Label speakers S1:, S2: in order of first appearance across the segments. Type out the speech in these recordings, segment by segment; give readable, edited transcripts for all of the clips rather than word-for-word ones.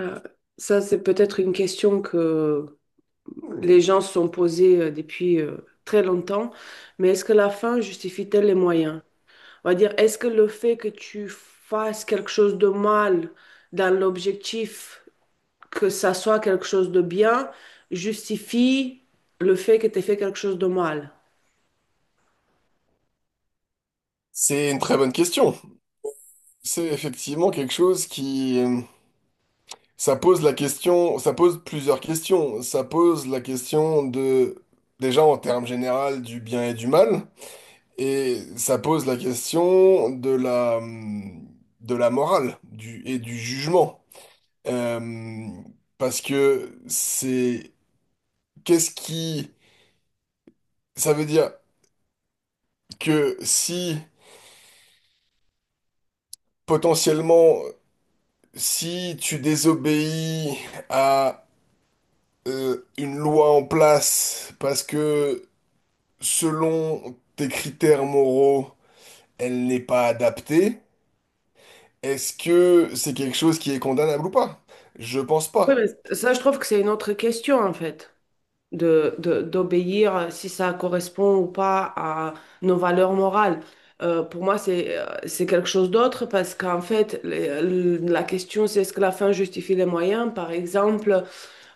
S1: Euh, ça, c'est peut-être une question que les gens se sont posées depuis très longtemps, mais est-ce que la fin justifie-t-elle les moyens? On va dire, est-ce que le fait que tu fasses quelque chose de mal dans l'objectif que ça soit quelque chose de bien justifie le fait que tu aies fait quelque chose de mal?
S2: C'est une très bonne question. C'est effectivement quelque chose qui... Ça pose la question, ça pose plusieurs questions. Ça pose la question de, déjà en termes généraux, du bien et du mal. Et ça pose la question de de la morale et du jugement. Euh, Parce que c'est... Qu'est-ce qui... Ça veut dire que si, potentiellement, si tu désobéis à une loi en place parce que selon tes critères moraux, elle n'est pas adaptée, est-ce que c'est quelque chose qui est condamnable ou pas? Je pense
S1: Oui,
S2: pas.
S1: mais ça, je trouve que c'est une autre question, en fait. D'obéir, si ça correspond ou pas à nos valeurs morales. Pour moi, c'est quelque chose d'autre parce qu'en fait, la question, c'est est-ce que la fin justifie les moyens? Par exemple,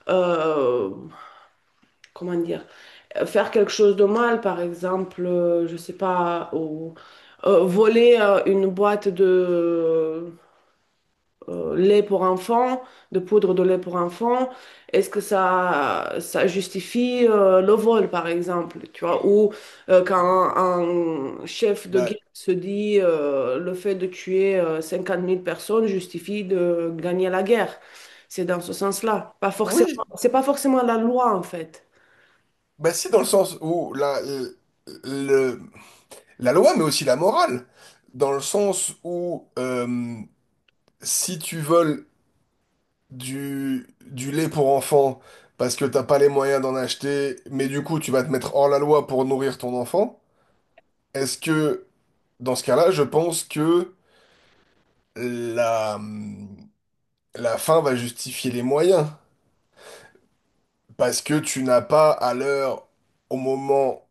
S1: euh, comment dire, faire quelque chose de mal, par exemple, je sais pas, ou voler une boîte de, lait pour enfants, de poudre de lait pour enfants, est-ce que ça justifie le vol, par exemple, tu vois, ou quand un chef de guerre
S2: Bah
S1: se dit le fait de tuer 50 000 personnes justifie de gagner la guerre. C'est dans ce sens-là. Pas forcément,
S2: oui,
S1: c'est pas forcément la loi, en fait.
S2: bah si dans le sens où le- la loi, mais aussi la morale, dans le sens où si tu voles du lait pour enfants parce que t'as pas les moyens d'en acheter, mais du coup tu vas te mettre hors la loi pour nourrir ton enfant, est-ce que dans ce cas-là, je pense que la, la fin va justifier les moyens. Parce que tu n'as pas à l'heure, au moment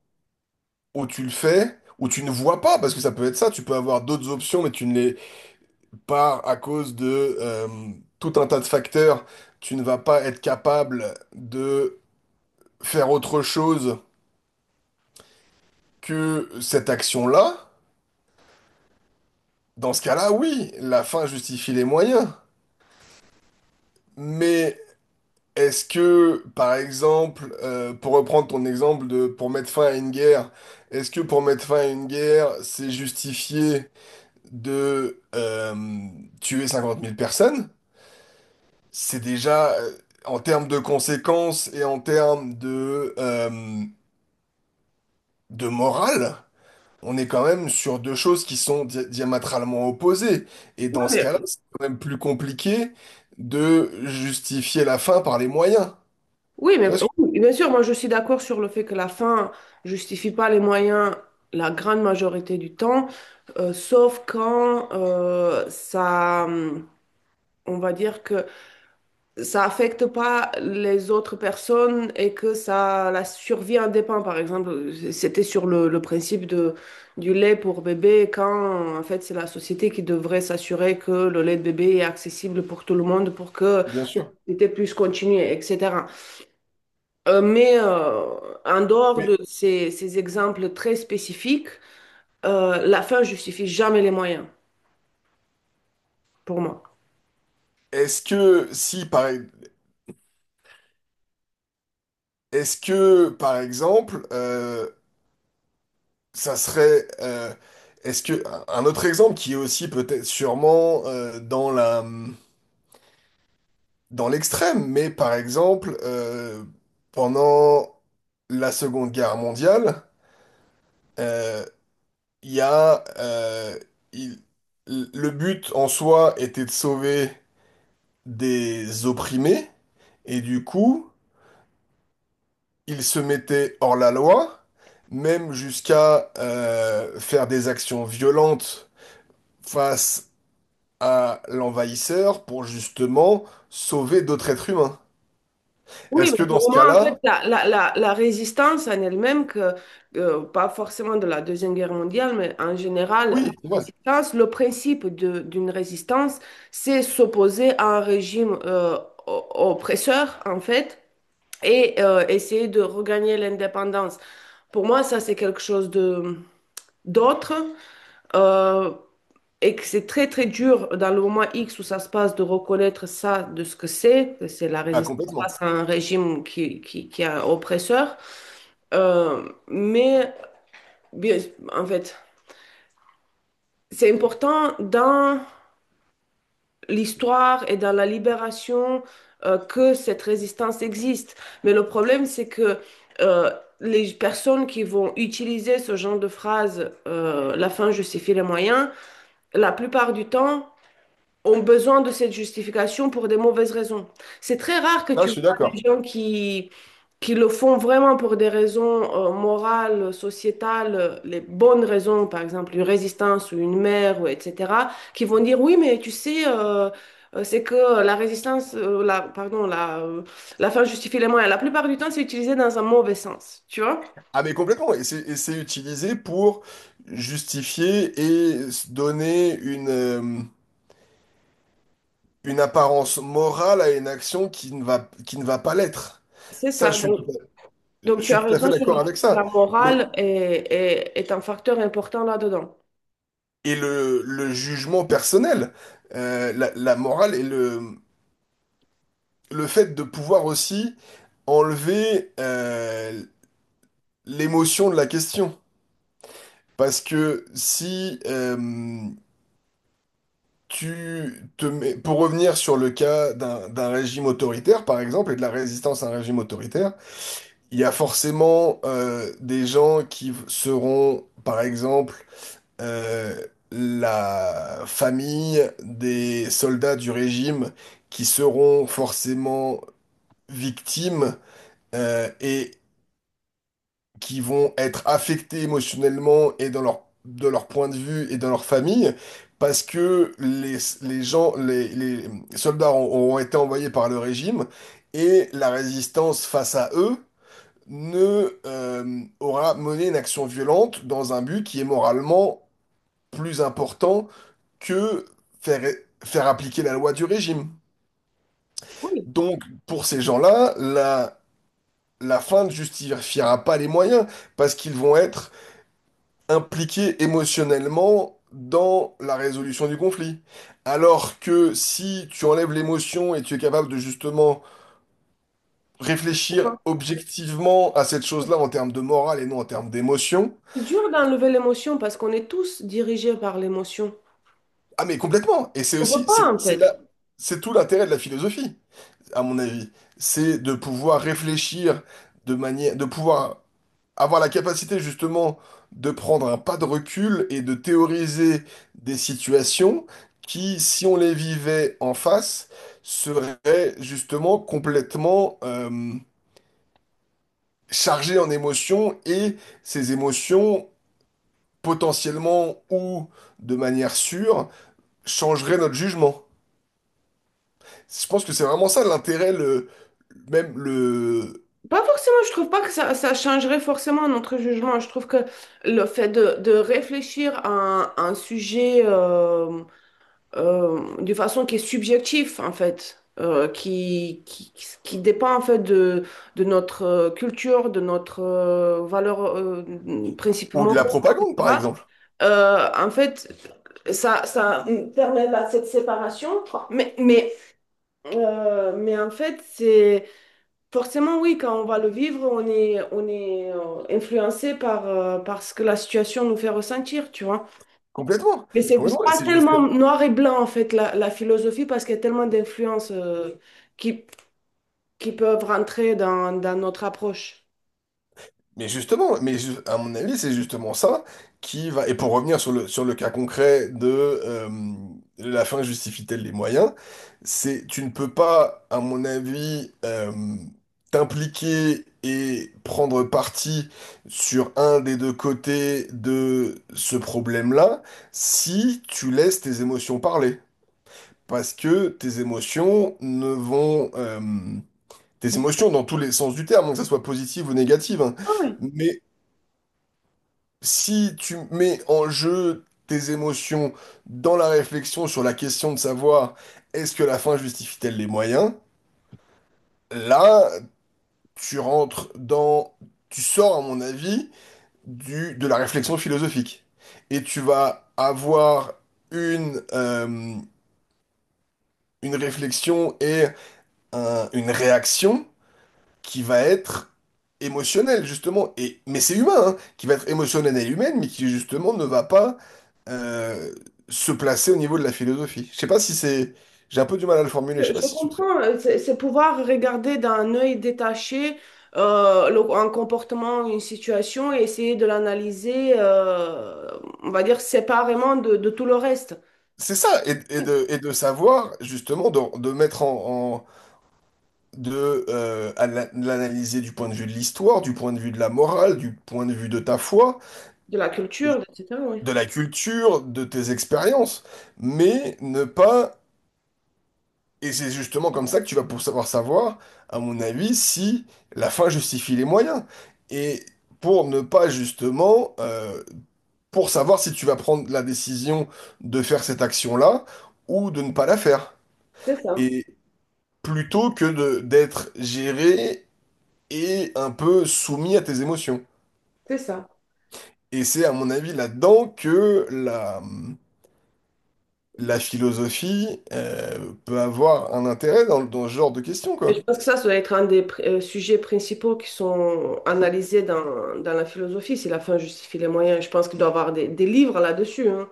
S2: où tu le fais, où tu ne vois pas, parce que ça peut être ça, tu peux avoir d'autres options, mais tu ne les pas à cause de tout un tas de facteurs. Tu ne vas pas être capable de faire autre chose que cette action-là. Dans ce cas-là, oui, la fin justifie les moyens. Mais est-ce que, par exemple, pour reprendre ton exemple de pour mettre fin à une guerre, est-ce que pour mettre fin à une guerre, c'est justifié de tuer 50 000 personnes? C'est déjà en termes de conséquences et en termes de de morale, on est quand même sur deux choses qui sont diamétralement opposées. Et dans ce
S1: Oui,
S2: cas-là, c'est quand même plus compliqué de justifier la fin par les moyens.
S1: oui, mais
S2: Tu vois ce que...
S1: oui, bien sûr, moi je suis d'accord sur le fait que la fin justifie pas les moyens la grande majorité du temps, sauf quand ça, on va dire que ça affecte pas les autres personnes et que ça, la survie en dépend. Par exemple, c'était sur le, le principe du lait pour bébé, quand en fait c'est la société qui devrait s'assurer que le lait de bébé est accessible pour tout le monde pour que
S2: Bien sûr.
S1: c'était puisse continuer, etc. Euh, mais euh, En dehors
S2: Mais
S1: de ces exemples très spécifiques, la fin justifie jamais les moyens, pour moi.
S2: Est-ce que si par e-, est-ce que par exemple ça serait est-ce que un autre exemple qui est aussi peut-être sûrement dans la dans l'extrême mais par exemple pendant la Seconde Guerre mondiale, euh, il y a il- le but en soi était de sauver des opprimés et du coup il se mettait hors la loi, même jusqu'à faire des actions violentes face à l'envahisseur pour justement sauver d'autres êtres humains.
S1: Oui,
S2: Est-ce que
S1: mais
S2: dans ce
S1: pour moi, en
S2: cas-là,
S1: fait, la résistance en elle-même, pas forcément de la Deuxième Guerre mondiale, mais en général,
S2: oui,
S1: la
S2: c'est vrai.
S1: résistance, le principe d'une résistance, c'est s'opposer à un régime oppresseur, en fait, et essayer de regagner l'indépendance. Pour moi, ça, c'est quelque chose de d'autre. Euh, et que c'est très très dur dans le moment X où ça se passe de reconnaître ça de ce que c'est la
S2: Ah,
S1: résistance
S2: complètement.
S1: face à un régime qui est un oppresseur. Mais bien, en fait, c'est important dans l'histoire et dans la libération que cette résistance existe. Mais le problème, c'est que euh, les personnes qui vont utiliser ce genre de phrase, la fin justifie les moyens, la plupart du temps, ont besoin de cette justification pour des mauvaises raisons. C'est très rare que
S2: Là,
S1: tu
S2: je suis
S1: vois des
S2: d'accord.
S1: gens qui le font vraiment pour des raisons morales, sociétales, les bonnes raisons, par exemple une résistance ou une mère, ou etc., qui vont dire oui, mais tu sais, c'est que la résistance, la, pardon, la fin justifie les moyens. La plupart du temps, c'est utilisé dans un mauvais sens, tu vois?
S2: Ah, mais complètement. Et c'est utilisé pour justifier et donner une une apparence morale à une action qui ne va pas l'être.
S1: C'est
S2: Ça,
S1: ça.
S2: je suis tout
S1: Donc,
S2: à- Je
S1: donc tu
S2: suis
S1: as
S2: tout à fait
S1: raison sur
S2: d'accord
S1: le fait
S2: avec
S1: que la
S2: ça. Mais
S1: morale est un facteur important là-dedans.
S2: le jugement personnel, euh, la morale et le fait de pouvoir aussi enlever l'émotion de la question. Parce que si tu te mets, pour revenir sur le cas d'un régime autoritaire, par exemple, et de la résistance à un régime autoritaire, il y a forcément des gens qui seront, par exemple, euh, la famille des soldats du régime qui seront forcément victimes et qui vont être affectés émotionnellement et dans de leur point de vue et dans leur famille, parce que les soldats ont été envoyés par le régime et la résistance face à eux ne aura mené une action violente dans un but qui est moralement plus important que faire, faire appliquer la loi du régime.
S1: Oui.
S2: Donc, pour ces gens-là, la fin ne justifiera pas les moyens, parce qu'ils vont être impliqués émotionnellement dans la résolution du conflit. Alors que si tu enlèves l'émotion et tu es capable de justement
S1: Ça
S2: réfléchir
S1: va.
S2: objectivement à cette chose-là en termes de morale et non en termes d'émotion,
S1: C'est dur d'enlever l'émotion parce qu'on est tous dirigés par l'émotion.
S2: ah mais complètement. Et c'est
S1: On peut
S2: aussi,
S1: pas, en
S2: c'est
S1: fait.
S2: la- c'est tout l'intérêt de la philosophie. À mon avis. C'est de pouvoir réfléchir de manière, de pouvoir avoir la capacité justement de prendre un pas de recul et de théoriser des situations qui, si on les vivait en face, seraient justement complètement chargées en émotions et ces émotions potentiellement ou de manière sûre changeraient notre jugement. Je pense que c'est vraiment ça l'intérêt, même le,
S1: Pas forcément, je trouve pas que ça changerait forcément notre jugement. Je trouve que le fait de réfléchir à un sujet de façon qui est subjective, en fait, qui dépend, en fait, de notre culture, de notre valeur, principe
S2: ou de la
S1: moraux,
S2: propagande, par
S1: etc.
S2: exemple.
S1: En fait, ça permet cette séparation, mais, mais mais en fait, c'est forcément oui, quand on va le vivre, on est influencé par, par ce que la situation nous fait ressentir, tu vois.
S2: Complètement,
S1: Mais c'est
S2: complètement. Et
S1: pas
S2: c'est
S1: tellement noir et blanc, en fait, la philosophie, parce qu'il y a tellement d'influences qui, qui peuvent rentrer dans notre approche.
S2: mais à mon avis, c'est justement ça qui va. Et pour revenir sur sur le cas concret de la fin justifie-t-elle les moyens, c'est tu ne peux pas, à mon avis, t'impliquer et prendre parti sur un des deux côtés de ce problème-là si tu laisses tes émotions parler. Parce que tes émotions ne vont, tes émotions dans tous les sens du terme, hein, que ça soit positive ou négative, hein.
S1: Ah oui,
S2: Mais si tu mets en jeu tes émotions dans la réflexion sur la question de savoir est-ce que la fin justifie-t-elle les moyens, là, tu rentres dans, tu sors, à mon avis, de la réflexion philosophique. Et tu vas avoir une, euh, une réflexion et une réaction qui va être émotionnelle, justement. Et, mais c'est humain, hein, qui va être émotionnelle et humaine, mais qui, justement, ne va pas euh, se placer au niveau de la philosophie. Je sais pas si c'est... J'ai un peu du mal à le formuler, je sais
S1: je,
S2: pas
S1: je
S2: si
S1: comprends. C'est pouvoir regarder d'un œil détaché un comportement, une situation et essayer de l'analyser, on va dire, séparément de tout le reste.
S2: c'est ça,
S1: Oui.
S2: et de savoir, justement, de mettre en... l'analyser du point de vue de l'histoire, du point de vue de la morale, du point de vue de ta foi,
S1: De la culture, etc. Oui,
S2: de la culture, de tes expériences, mais ne pas et c'est justement comme ça que tu vas pour savoir, à mon avis, si la fin justifie les moyens. Et pour ne pas justement, pour savoir si tu vas prendre la décision de faire cette action-là ou de ne pas la faire.
S1: c'est ça,
S2: Et plutôt que de d'être géré et un peu soumis à tes émotions.
S1: c'est ça.
S2: Et c'est à mon avis là-dedans que la philosophie, peut avoir un intérêt dans ce genre de questions,
S1: Et
S2: quoi.
S1: je pense que ça doit être un des sujets principaux qui sont analysés dans la philosophie, si la fin justifie les moyens. Je pense qu'il doit y avoir des livres là-dessus, hein.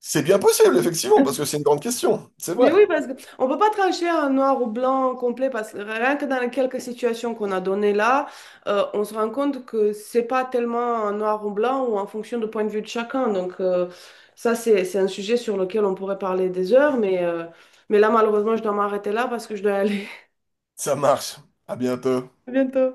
S2: C'est bien possible, effectivement, parce que c'est une grande question. C'est
S1: Mais oui,
S2: vrai.
S1: parce qu'on ne peut pas trancher en noir ou blanc complet, parce que rien que dans les quelques situations qu'on a données là, on se rend compte que c'est pas tellement un noir ou blanc ou en fonction du point de vue de chacun. Donc ça, c'est un sujet sur lequel on pourrait parler des heures, mais là, malheureusement, je dois m'arrêter là parce que je dois aller.
S2: Ça marche. À bientôt.
S1: À bientôt.